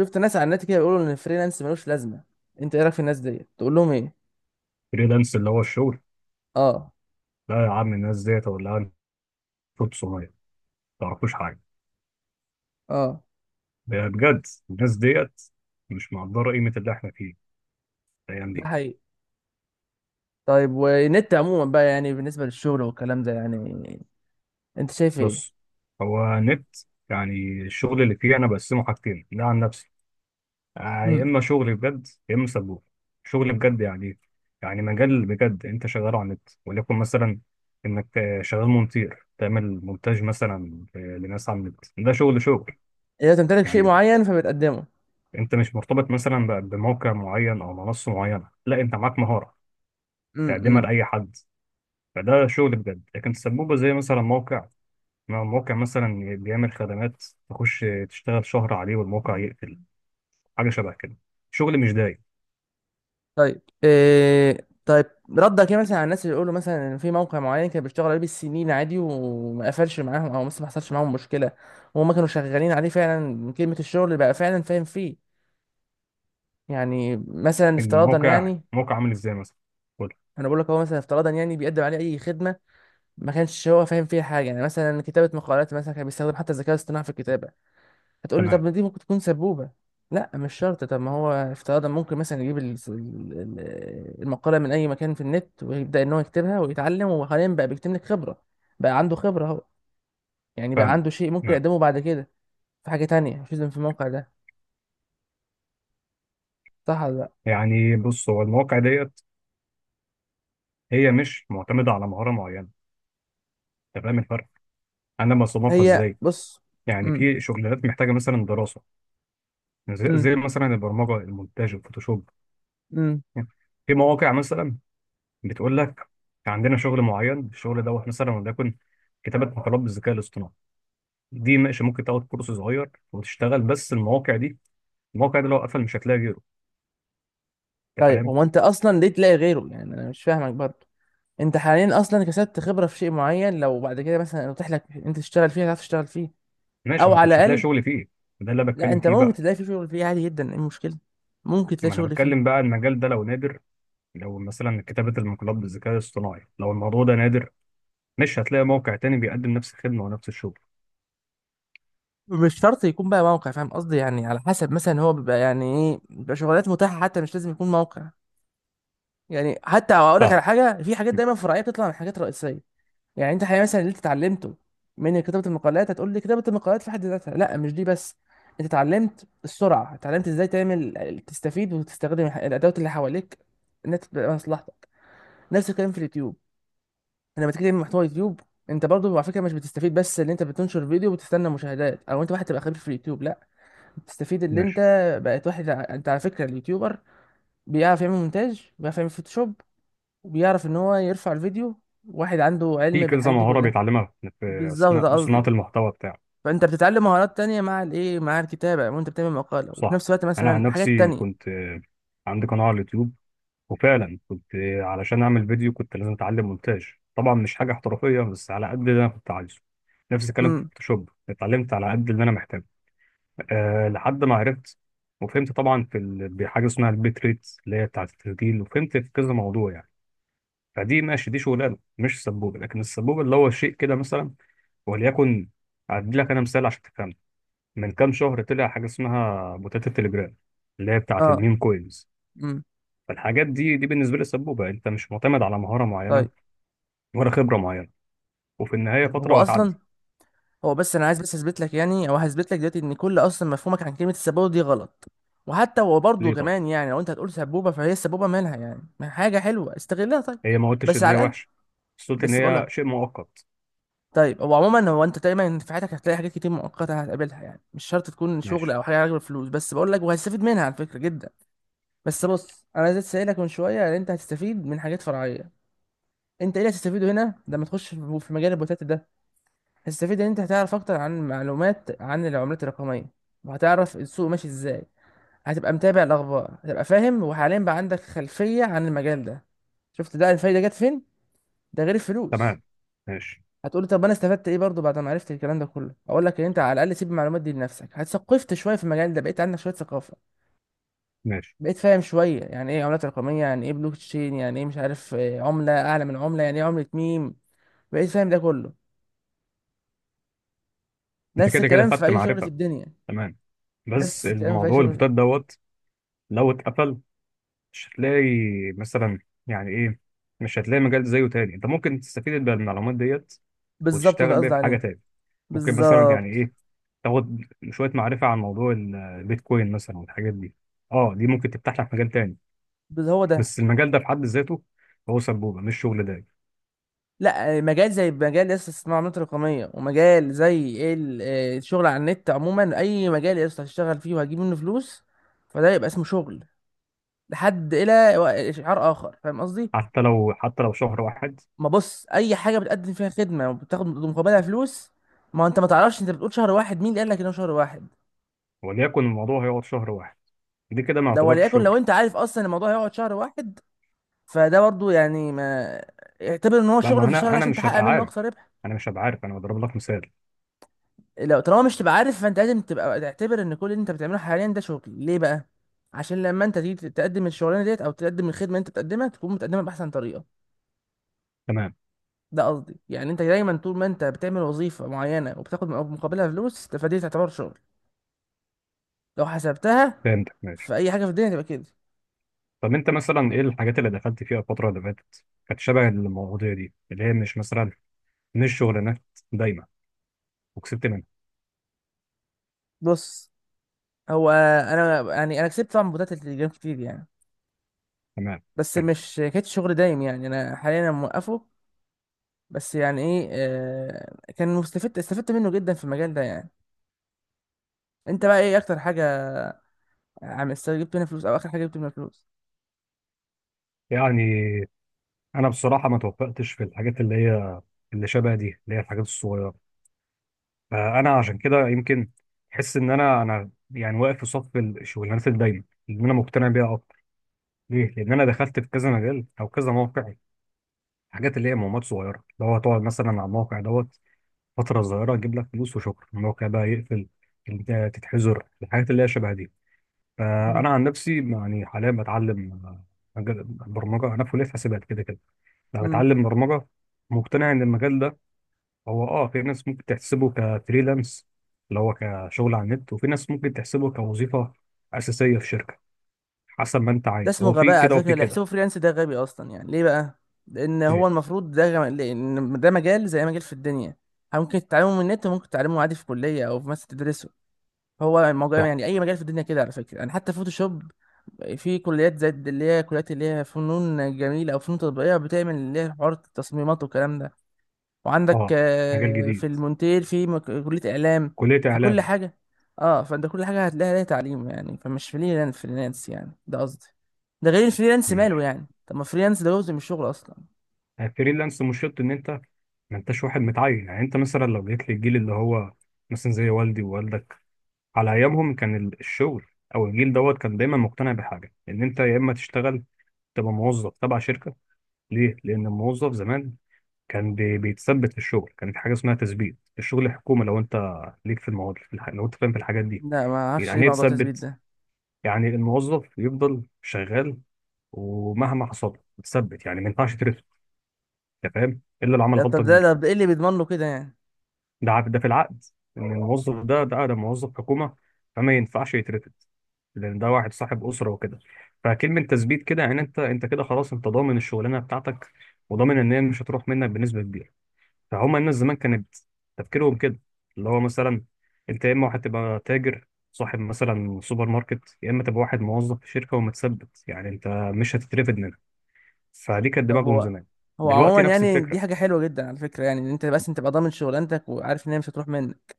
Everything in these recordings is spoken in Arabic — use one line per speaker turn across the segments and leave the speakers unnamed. شفت ناس على النت كده بيقولوا ان الفريلانس ملوش لازمه. انت ايه رايك في الناس دي، تقول لهم ايه؟
فريلانس اللي هو الشغل.
اه،
لا يا عم، الناس ديت ولا انتوا 900 ما تعرفوش حاجه.
اه،
بجد الناس ديت مش مقدره قيمه اللي احنا فيه الايام دي.
ده حقيقي. طيب، والنت عموما بقى يعني بالنسبه للشغل والكلام ده، يعني انت شايف ايه؟
بص، هو نت، يعني الشغل اللي فيه انا بقسمه حاجتين ده عن نفسي. يا
امم
اما شغل بجد يا اما سبوب. شغل بجد يعني إيه؟ يعني مجال بجد انت شغال على النت، وليكن مثلا انك شغال مونتير، تعمل مونتاج مثلا، لناس على النت، ده شغل
اذا تمتلك شيء
يعني.
معين فبتقدمه.
انت مش مرتبط مثلا بموقع معين او منصه معينه، لا انت معاك مهاره تقدمها
امم
لاي حد. فده شغل بجد، لكن سبوبه زي مثلا موقع، ما هو موقع مثلا بيعمل خدمات، تخش تشتغل شهر عليه والموقع يقفل، حاجه شبه كده، شغل مش دايم.
طيب، إيه؟ طيب، ردك ايه مثلا على الناس اللي يقولوا مثلا ان في موقع معين كان بيشتغل عليه بالسنين عادي وما قفلش معاهم، او مثلا ما حصلش معاهم مشكله وهم كانوا شغالين عليه فعلا من كلمه الشغل اللي بقى فعلا فاهم فيه، يعني مثلا افتراضا
الموقع
يعني.
موقع عامل ازاي مثلا؟ قول.
انا بقول لك، هو مثلا افتراضا يعني بيقدم عليه اي خدمه ما كانش هو فاهم فيها حاجه، يعني مثلا كتابه مقالات مثلا، كان بيستخدم حتى الذكاء الاصطناعي في الكتابه. هتقول لي طب
تمام.
ما دي ممكن تكون سبوبه. لا، مش شرط. طب ما هو افتراضا ممكن مثلا يجيب المقاله من اي مكان في النت ويبدا ان هو يكتبها ويتعلم، وحاليا بقى بيكتب لك خبره، بقى عنده خبره اهو، يعني بقى
فاهم.
عنده شيء ممكن
تمام.
يقدمه بعد كده في حاجه تانية، مش لازم في الموقع ده، صح ولا لا؟
يعني بص، هو المواقع ديت هي مش معتمده على مهاره معينه. انت فاهم الفرق؟ انا بصنفها
هي
ازاي؟
بص.
يعني
امم
في شغلانات محتاجه مثلا دراسه، زي
امم
زي مثلا البرمجه، المونتاج، الفوتوشوب.
امم
يعني في مواقع مثلا بتقول لك عندنا شغل معين، الشغل دوت مثلا، وليكن كتابه مقالات بالذكاء الاصطناعي، دي ماشي، ممكن تاخد كورس صغير وتشتغل. بس المواقع دي، المواقع دي لو قفل مش هتلاقي غيره. انت
طيب،
فاهم؟
هو انت اصلا ليه تلاقي غيره يعني؟ انا مش فاهمك برضه. انت حاليا اصلا كسبت خبره في شيء معين، لو بعد كده مثلا اتيح لك انت تشتغل فيه هتعرف تشتغل فيه،
ماشي،
او
ما انت
على
مش هتلاقي
الاقل.
شغل فيه. ده اللي أنا
لا،
بتكلم
انت
فيه
ممكن
بقى.
تلاقي فيه شغل فيه عادي جدا، ايه المشكله؟ ممكن تلاقي
ما انا
شغل
بتكلم
فيه.
بقى، المجال ده لو نادر، لو مثلا كتابه المقالات بالذكاء الاصطناعي، لو الموضوع ده نادر، مش هتلاقي موقع تاني بيقدم نفس الخدمه ونفس الشغل.
مش شرط يكون بقى موقع، فاهم قصدي يعني؟ على حسب مثلا هو بيبقى يعني ايه، بيبقى شغلانات متاحه، حتى مش لازم يكون موقع يعني. حتى اقول لك
فاهم.
على حاجه، في حاجات دايما فرعيه بتطلع من حاجات رئيسيه. يعني انت حقيقة مثلا اللي انت اتعلمته من كتابة المقالات، هتقول لي كتابة المقالات في حد ذاتها؟ لا، مش دي بس. انت اتعلمت السرعة، اتعلمت ازاي تعمل تستفيد وتستخدم الادوات اللي حواليك انها تبقى مصلحتك. نفس الكلام في اليوتيوب. لما تيجي تعمل محتوى يوتيوب، انت برضو على فكرة مش بتستفيد بس ان انت بتنشر فيديو وبتستنى مشاهدات، او انت واحد تبقى خبير في اليوتيوب، لا، بتستفيد ان انت
ماشي.
بقيت واحد انت على فكرة اليوتيوبر بيعرف يعمل مونتاج، بيعرف يعمل فوتوشوب، وبيعرف ان هو يرفع الفيديو. واحد عنده
في
علم
كذا
بالحاجات دي
مهارة
كلها.
بيتعلمها في
بالظبط، ده
أثناء صناعة
قصدي.
المحتوى بتاعه.
فانت بتتعلم مهارات تانية مع الايه، مع الكتابة وانت بتعمل مقالة، وفي
صح.
نفس الوقت
أنا عن
مثلا حاجات
نفسي
تانية.
كنت عندي قناة على اليوتيوب، وفعلا كنت علشان أعمل فيديو كنت لازم أتعلم مونتاج. طبعا مش حاجة احترافية، بس على قد اللي أنا كنت عايزه. نفس الكلام في
امم
فوتوشوب، اتعلمت على قد اللي أنا محتاجه. أه لحد ما عرفت وفهمت طبعا في بحاجة اسمها البيت ريت، اللي هي بتاعة التسجيل، وفهمت في كذا موضوع يعني. فدي ماشي، دي شغلانة مش سبوبة. لكن السبوبة اللي هو شيء كده مثلا، وليكن، أدي لك أنا مثال عشان تفهم. من كام شهر طلع حاجة اسمها بوتات التليجرام، اللي هي بتاعة
اه،
الميم كوينز.
امم
فالحاجات دي بالنسبة لي سبوبة، انت مش معتمد على مهارة
طيب
معينة ولا خبرة معينة، وفي النهاية
طيب،
فترة
هو اصلا،
وهتعدي.
هو بس انا عايز بس اثبت لك يعني، او هثبت لك دلوقتي ان كل اصلا مفهومك عن كلمة السبوبة دي غلط. وحتى هو برضه
ليه؟ طب
كمان يعني، لو انت هتقول سبوبة فهي السبوبة مالها يعني؟ ما حاجة حلوة استغلها. طيب،
هي ما قلتش
بس
ان هي
على الاقل،
وحشة، بس قلت ان
بس بقول
هي
لك.
شيء مؤقت.
طيب، هو عموما هو انت دايما في حياتك هتلاقي حاجات كتير مؤقتة هتقابلها، يعني مش شرط تكون شغل
ماشي.
او حاجة علاقة بالفلوس، بس بقول لك وهتستفيد منها على فكرة جدا. بس بص، انا عايز اسالك من شويه ان انت هتستفيد من حاجات فرعيه، انت ايه اللي هتستفيده هنا لما تخش في مجال البوتات ده؟ هتستفيد ان انت هتعرف اكتر عن معلومات عن العملات الرقميه، وهتعرف السوق ماشي ازاي، هتبقى متابع الاخبار، هتبقى فاهم، وحاليا بقى عندك خلفيه عن المجال ده. شفت، ده الفايده جت فين، ده غير الفلوس.
تمام. ماشي.
هتقولي طب انا استفدت ايه برضو بعد ما عرفت الكلام ده كله؟ اقول لك ان انت على الاقل سيب المعلومات دي لنفسك، هتثقفت شويه في المجال ده، بقيت عندك شويه ثقافه،
ماشي.
بقيت فاهم شويه يعني ايه عملات رقميه، يعني ايه بلوك تشين، يعني ايه مش عارف عمله اعلى من عمله، يعني ايه عمله ميم. بقيت فاهم ده كله.
انت
نفس
كده كده
الكلام في
خدت
اي شغل في
معرفة.
الدنيا،
تمام. بس
نفس الكلام في اي
الموضوع
شغل.
البوتات دوت، لو اتقفل مش هتلاقي مثلا، يعني ايه، مش هتلاقي مجال زيه تاني. انت ممكن تستفيد بالمعلومات ديت
بالظبط، ده
وتشتغل بيه
قصدي
في حاجه
عليه.
تاني. ممكن مثلا، يعني
بالظبط.
ايه، تاخد شويه معرفه عن موضوع البيتكوين مثلا والحاجات دي. اه دي ممكن تفتح لك مجال تاني.
هو ده.
بس المجال ده في حد ذاته هو سبوبه مش شغل دايم.
لا، مجال زي مجال لسه اسمه عملات رقميه، ومجال زي ايه، الشغل على النت عموما، اي مجال لسه هتشتغل فيه وهتجيب منه فلوس فده يبقى اسمه شغل لحد الى شعار اخر، فاهم قصدي؟
حتى لو، حتى لو شهر واحد،
ما بص، اي حاجه بتقدم فيها خدمه وبتاخد مقابلها فلوس. ما انت ما تعرفش، انت بتقول شهر واحد، مين اللي قال لك انه شهر واحد؟
وليكن الموضوع هيقعد شهر واحد، دي كده ما
لو
يعتبرش
وليكن
شغل.
لو انت عارف اصلا إن الموضوع هيقعد شهر واحد، فده برضو يعني، ما اعتبر ان هو
لا،
شغل
ما
في الشهر
انا
ده عشان
مش
تحقق
هبقى
منه
عارف،
اقصى ربح.
انا مش هبقى عارف، انا بضرب لك مثال.
لو طالما مش تبقى عارف فانت لازم تبقى تعتبر ان كل اللي انت بتعمله حاليا ده شغل. ليه بقى؟ عشان لما انت تيجي تقدم الشغلانه ديت او تقدم الخدمه اللي انت بتقدمها تكون بتقدمها باحسن طريقه.
تمام.
ده قصدي يعني. انت دايما طول ما انت بتعمل وظيفه معينه وبتاخد مقابلها فلوس فدي تعتبر شغل، لو حسبتها
فهمتك. ماشي.
في اي حاجه في الدنيا تبقى كده.
طب انت مثلا ايه الحاجات اللي دخلت فيها الفتره اللي فاتت، كانت شبه المواضيع دي اللي هي مش مثلا، مش شغلانات دايما، وكسبت منها؟
بص، هو انا يعني انا كسبت طبعا بطولات التليجرام كتير يعني،
تمام.
بس مش كانت شغل دايم يعني، انا حاليا أنا موقفه. بس يعني ايه، آه، كان مستفدت، استفدت منه جدا في المجال ده يعني. انت بقى ايه اكتر حاجه جبت منها فلوس، او اخر حاجه جبت منها فلوس؟
يعني انا بصراحه ما توفقتش في الحاجات اللي هي اللي شبه دي، اللي هي الحاجات الصغيره. فانا عشان كده يمكن احس ان انا يعني واقف في صف الشغلانات الدايمه اللي انا مقتنع بيها اكتر. ليه؟ لان انا دخلت في كذا مجال او كذا موقع، حاجات اللي هي مهمات صغيره، اللي هو تقعد مثلا على الموقع دوت فتره صغيره، تجيب لك فلوس وشكرا، الموقع بقى يقفل. انت تتحذر الحاجات اللي هي شبه دي.
مم.
فانا عن نفسي يعني حاليا بتعلم برمجه، انا في كليه حاسبات كده كده. لو
امم
هتعلم برمجة، مقتنع إن المجال ده هو في ناس ممكن تحسبه كفريلانس، اللي هو كشغل على النت، وفي ناس ممكن تحسبه كوظيفة أساسية في شركة. حسب ما أنت
ده
عايز،
اسمه
هو في
غباء على
كده
فكره،
وفي
اللي
كده.
يحسبه فريلانس ده غبي اصلا. يعني ليه بقى؟ لان هو
إيه.
المفروض ده لأن ده مجال زي أي مجال في الدنيا، ممكن تتعلمه من النت وممكن تتعلمه عادي في كليه، او في مثلا تدرسه. هو الموضوع
صح.
يعني اي مجال في الدنيا كده على فكره يعني، حتى فوتوشوب. في كليات زي اللي هي كليات اللي هي فنون جميله او فنون تطبيقيه بتعمل اللي هي حوار التصميمات والكلام ده. وعندك
آه. مجال جديد،
في المونتير في كليه اعلام،
كلية
فكل
إعلام.
حاجه، اه فانت كل حاجه هتلاقيها ليها تعليم يعني، فمش فريلانس فريلانس يعني، ده قصدي. ده غير الفريلانس ماله
ماشي.
يعني، طب ما فريلانس ده جزء من الشغل اصلا.
فريلانس مش شرط إن أنت ما أنتش واحد متعين. يعني أنت مثلا لو جيت للجيل اللي هو مثلا زي والدي ووالدك، على أيامهم كان الشغل، أو الجيل دوت، كان دايما مقتنع بحاجة إن أنت يا إما تشتغل تبقى موظف تبع شركة. ليه؟ لأن الموظف زمان كان بيتثبت في الشغل، كانت حاجة اسمها تثبيت، الشغل الحكومي لو أنت ليك في المواد في لو أنت فاهم في الحاجات دي.
لا ما اعرفش ايه
يعني إيه
موضوع التثبيت
تثبت؟
ده.
يعني الموظف يفضل شغال ومهما حصل له يتثبت، يعني ما ينفعش ترفد، أنت فاهم؟ إلا لو عمل
ده
غلطة
طب
كبيرة.
ده ده ايه اللي بيضمن له كده يعني؟
ده في العقد، إن الموظف ده موظف حكومة، فما ينفعش يترفد، لأن ده واحد صاحب أسرة وكده. فكلمة تثبيت كده يعني أنت، كده خلاص أنت ضامن الشغلانة بتاعتك، وضامن إن هي مش هتروح منك بنسبة كبيرة. فهم الناس زمان كانت تفكيرهم كده، اللي هو مثلا انت يا اما هتبقى تاجر صاحب مثلا سوبر ماركت، يا اما تبقى واحد موظف في شركه ومتثبت، يعني انت مش هتترفد منها. فدي كانت
طب
دماغهم
هو،
زمان. دلوقتي
عموما
نفس
يعني دي
الفكره،
حاجة حلوة جدا على فكرة يعني، ان انت بس انت تبقى ضامن شغلانتك وعارف ان هي مش هتروح منك.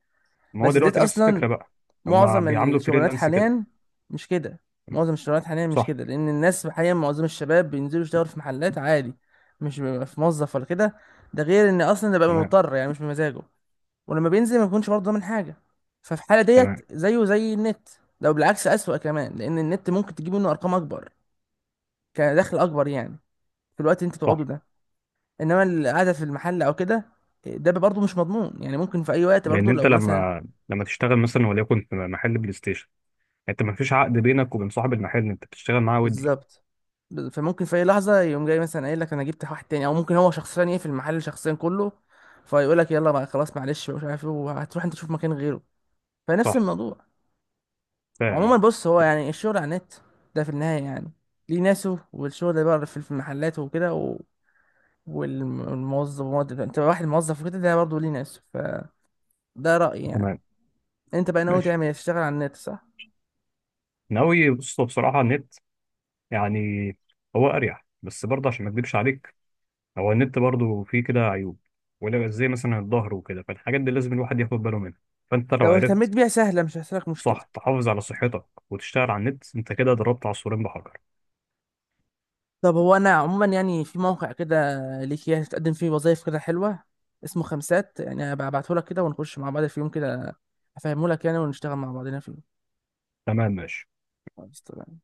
ما هو
بس ديت
دلوقتي نفس
اصلا
الفكره بقى، هم
معظم
بيعاملوا
الشغلانات
فريلانس كده.
حاليا مش كده معظم الشغلانات حاليا مش
صح.
كده، لان الناس حاليا معظم الشباب بينزلوا يشتغلوا في محلات عادي، مش بيبقى في موظف ولا كده. ده غير ان اصلا ده بقى
تمام.
مضطر يعني مش بمزاجه، ولما بينزل ما بيكونش برضه ضامن حاجة، ففي الحالة
تمام.
ديت زيه زي النت، لو بالعكس أسوأ كمان لان النت ممكن تجيب منه ارقام اكبر، كدخل اكبر يعني، في الوقت اللي انت
صح.
تقعده ده. انما القعده في المحل او كده ده برضه مش مضمون يعني، ممكن في اي وقت
لان
برضه
انت
لو مثلا.
لما تشتغل مثلا وليكن في محل بلاي ستيشن، انت ما فيش عقد بينك وبين صاحب المحل انت بتشتغل معاه ودي.
بالظبط، فممكن في اي لحظه يقوم جاي مثلا قايل لك انا جبت واحد تاني، او ممكن هو شخصيا ايه في المحل شخصيا كله، فيقول لك يلا بقى خلاص معلش مش عارف ايه، وهتروح انت تشوف مكان غيره، فنفس
صح.
الموضوع.
فاهم
عموما
اهو.
بص، هو يعني الشغل على النت ده في النهايه يعني ليه ناسه، والشغل اللي بره في المحلات وكده والموظف انت واحد موظف وكده ده برضه ليه ناسه، فده رأيي يعني.
تمام.
انت بقى ناوي
ماشي.
تعمل إيه؟ تشتغل على النت، صح؟
ناوي، بص بصراحه النت، يعني هو اريح، بس برضه عشان ما اكدبش عليك، هو النت برضه فيه كده عيوب، ولا زي مثلا الظهر وكده، فالحاجات دي لازم الواحد ياخد باله منها. فانت لو
لو اهتميت
عرفت،
بيها سهلة، مش هتحصلك مشكلة.
صح، تحافظ على صحتك وتشتغل على النت، انت كده ضربت عصفورين بحجر.
طب هو أنا عموما يعني في موقع كده ليك، يعني تقدم فيه وظايف كده حلوة، اسمه خمسات، يعني هبعتهولك كده ونخش مع بعض في يوم كده، أفهمهولك يعني ونشتغل مع بعضنا فيه.
تمام. ماشي.
خلاص، تمام.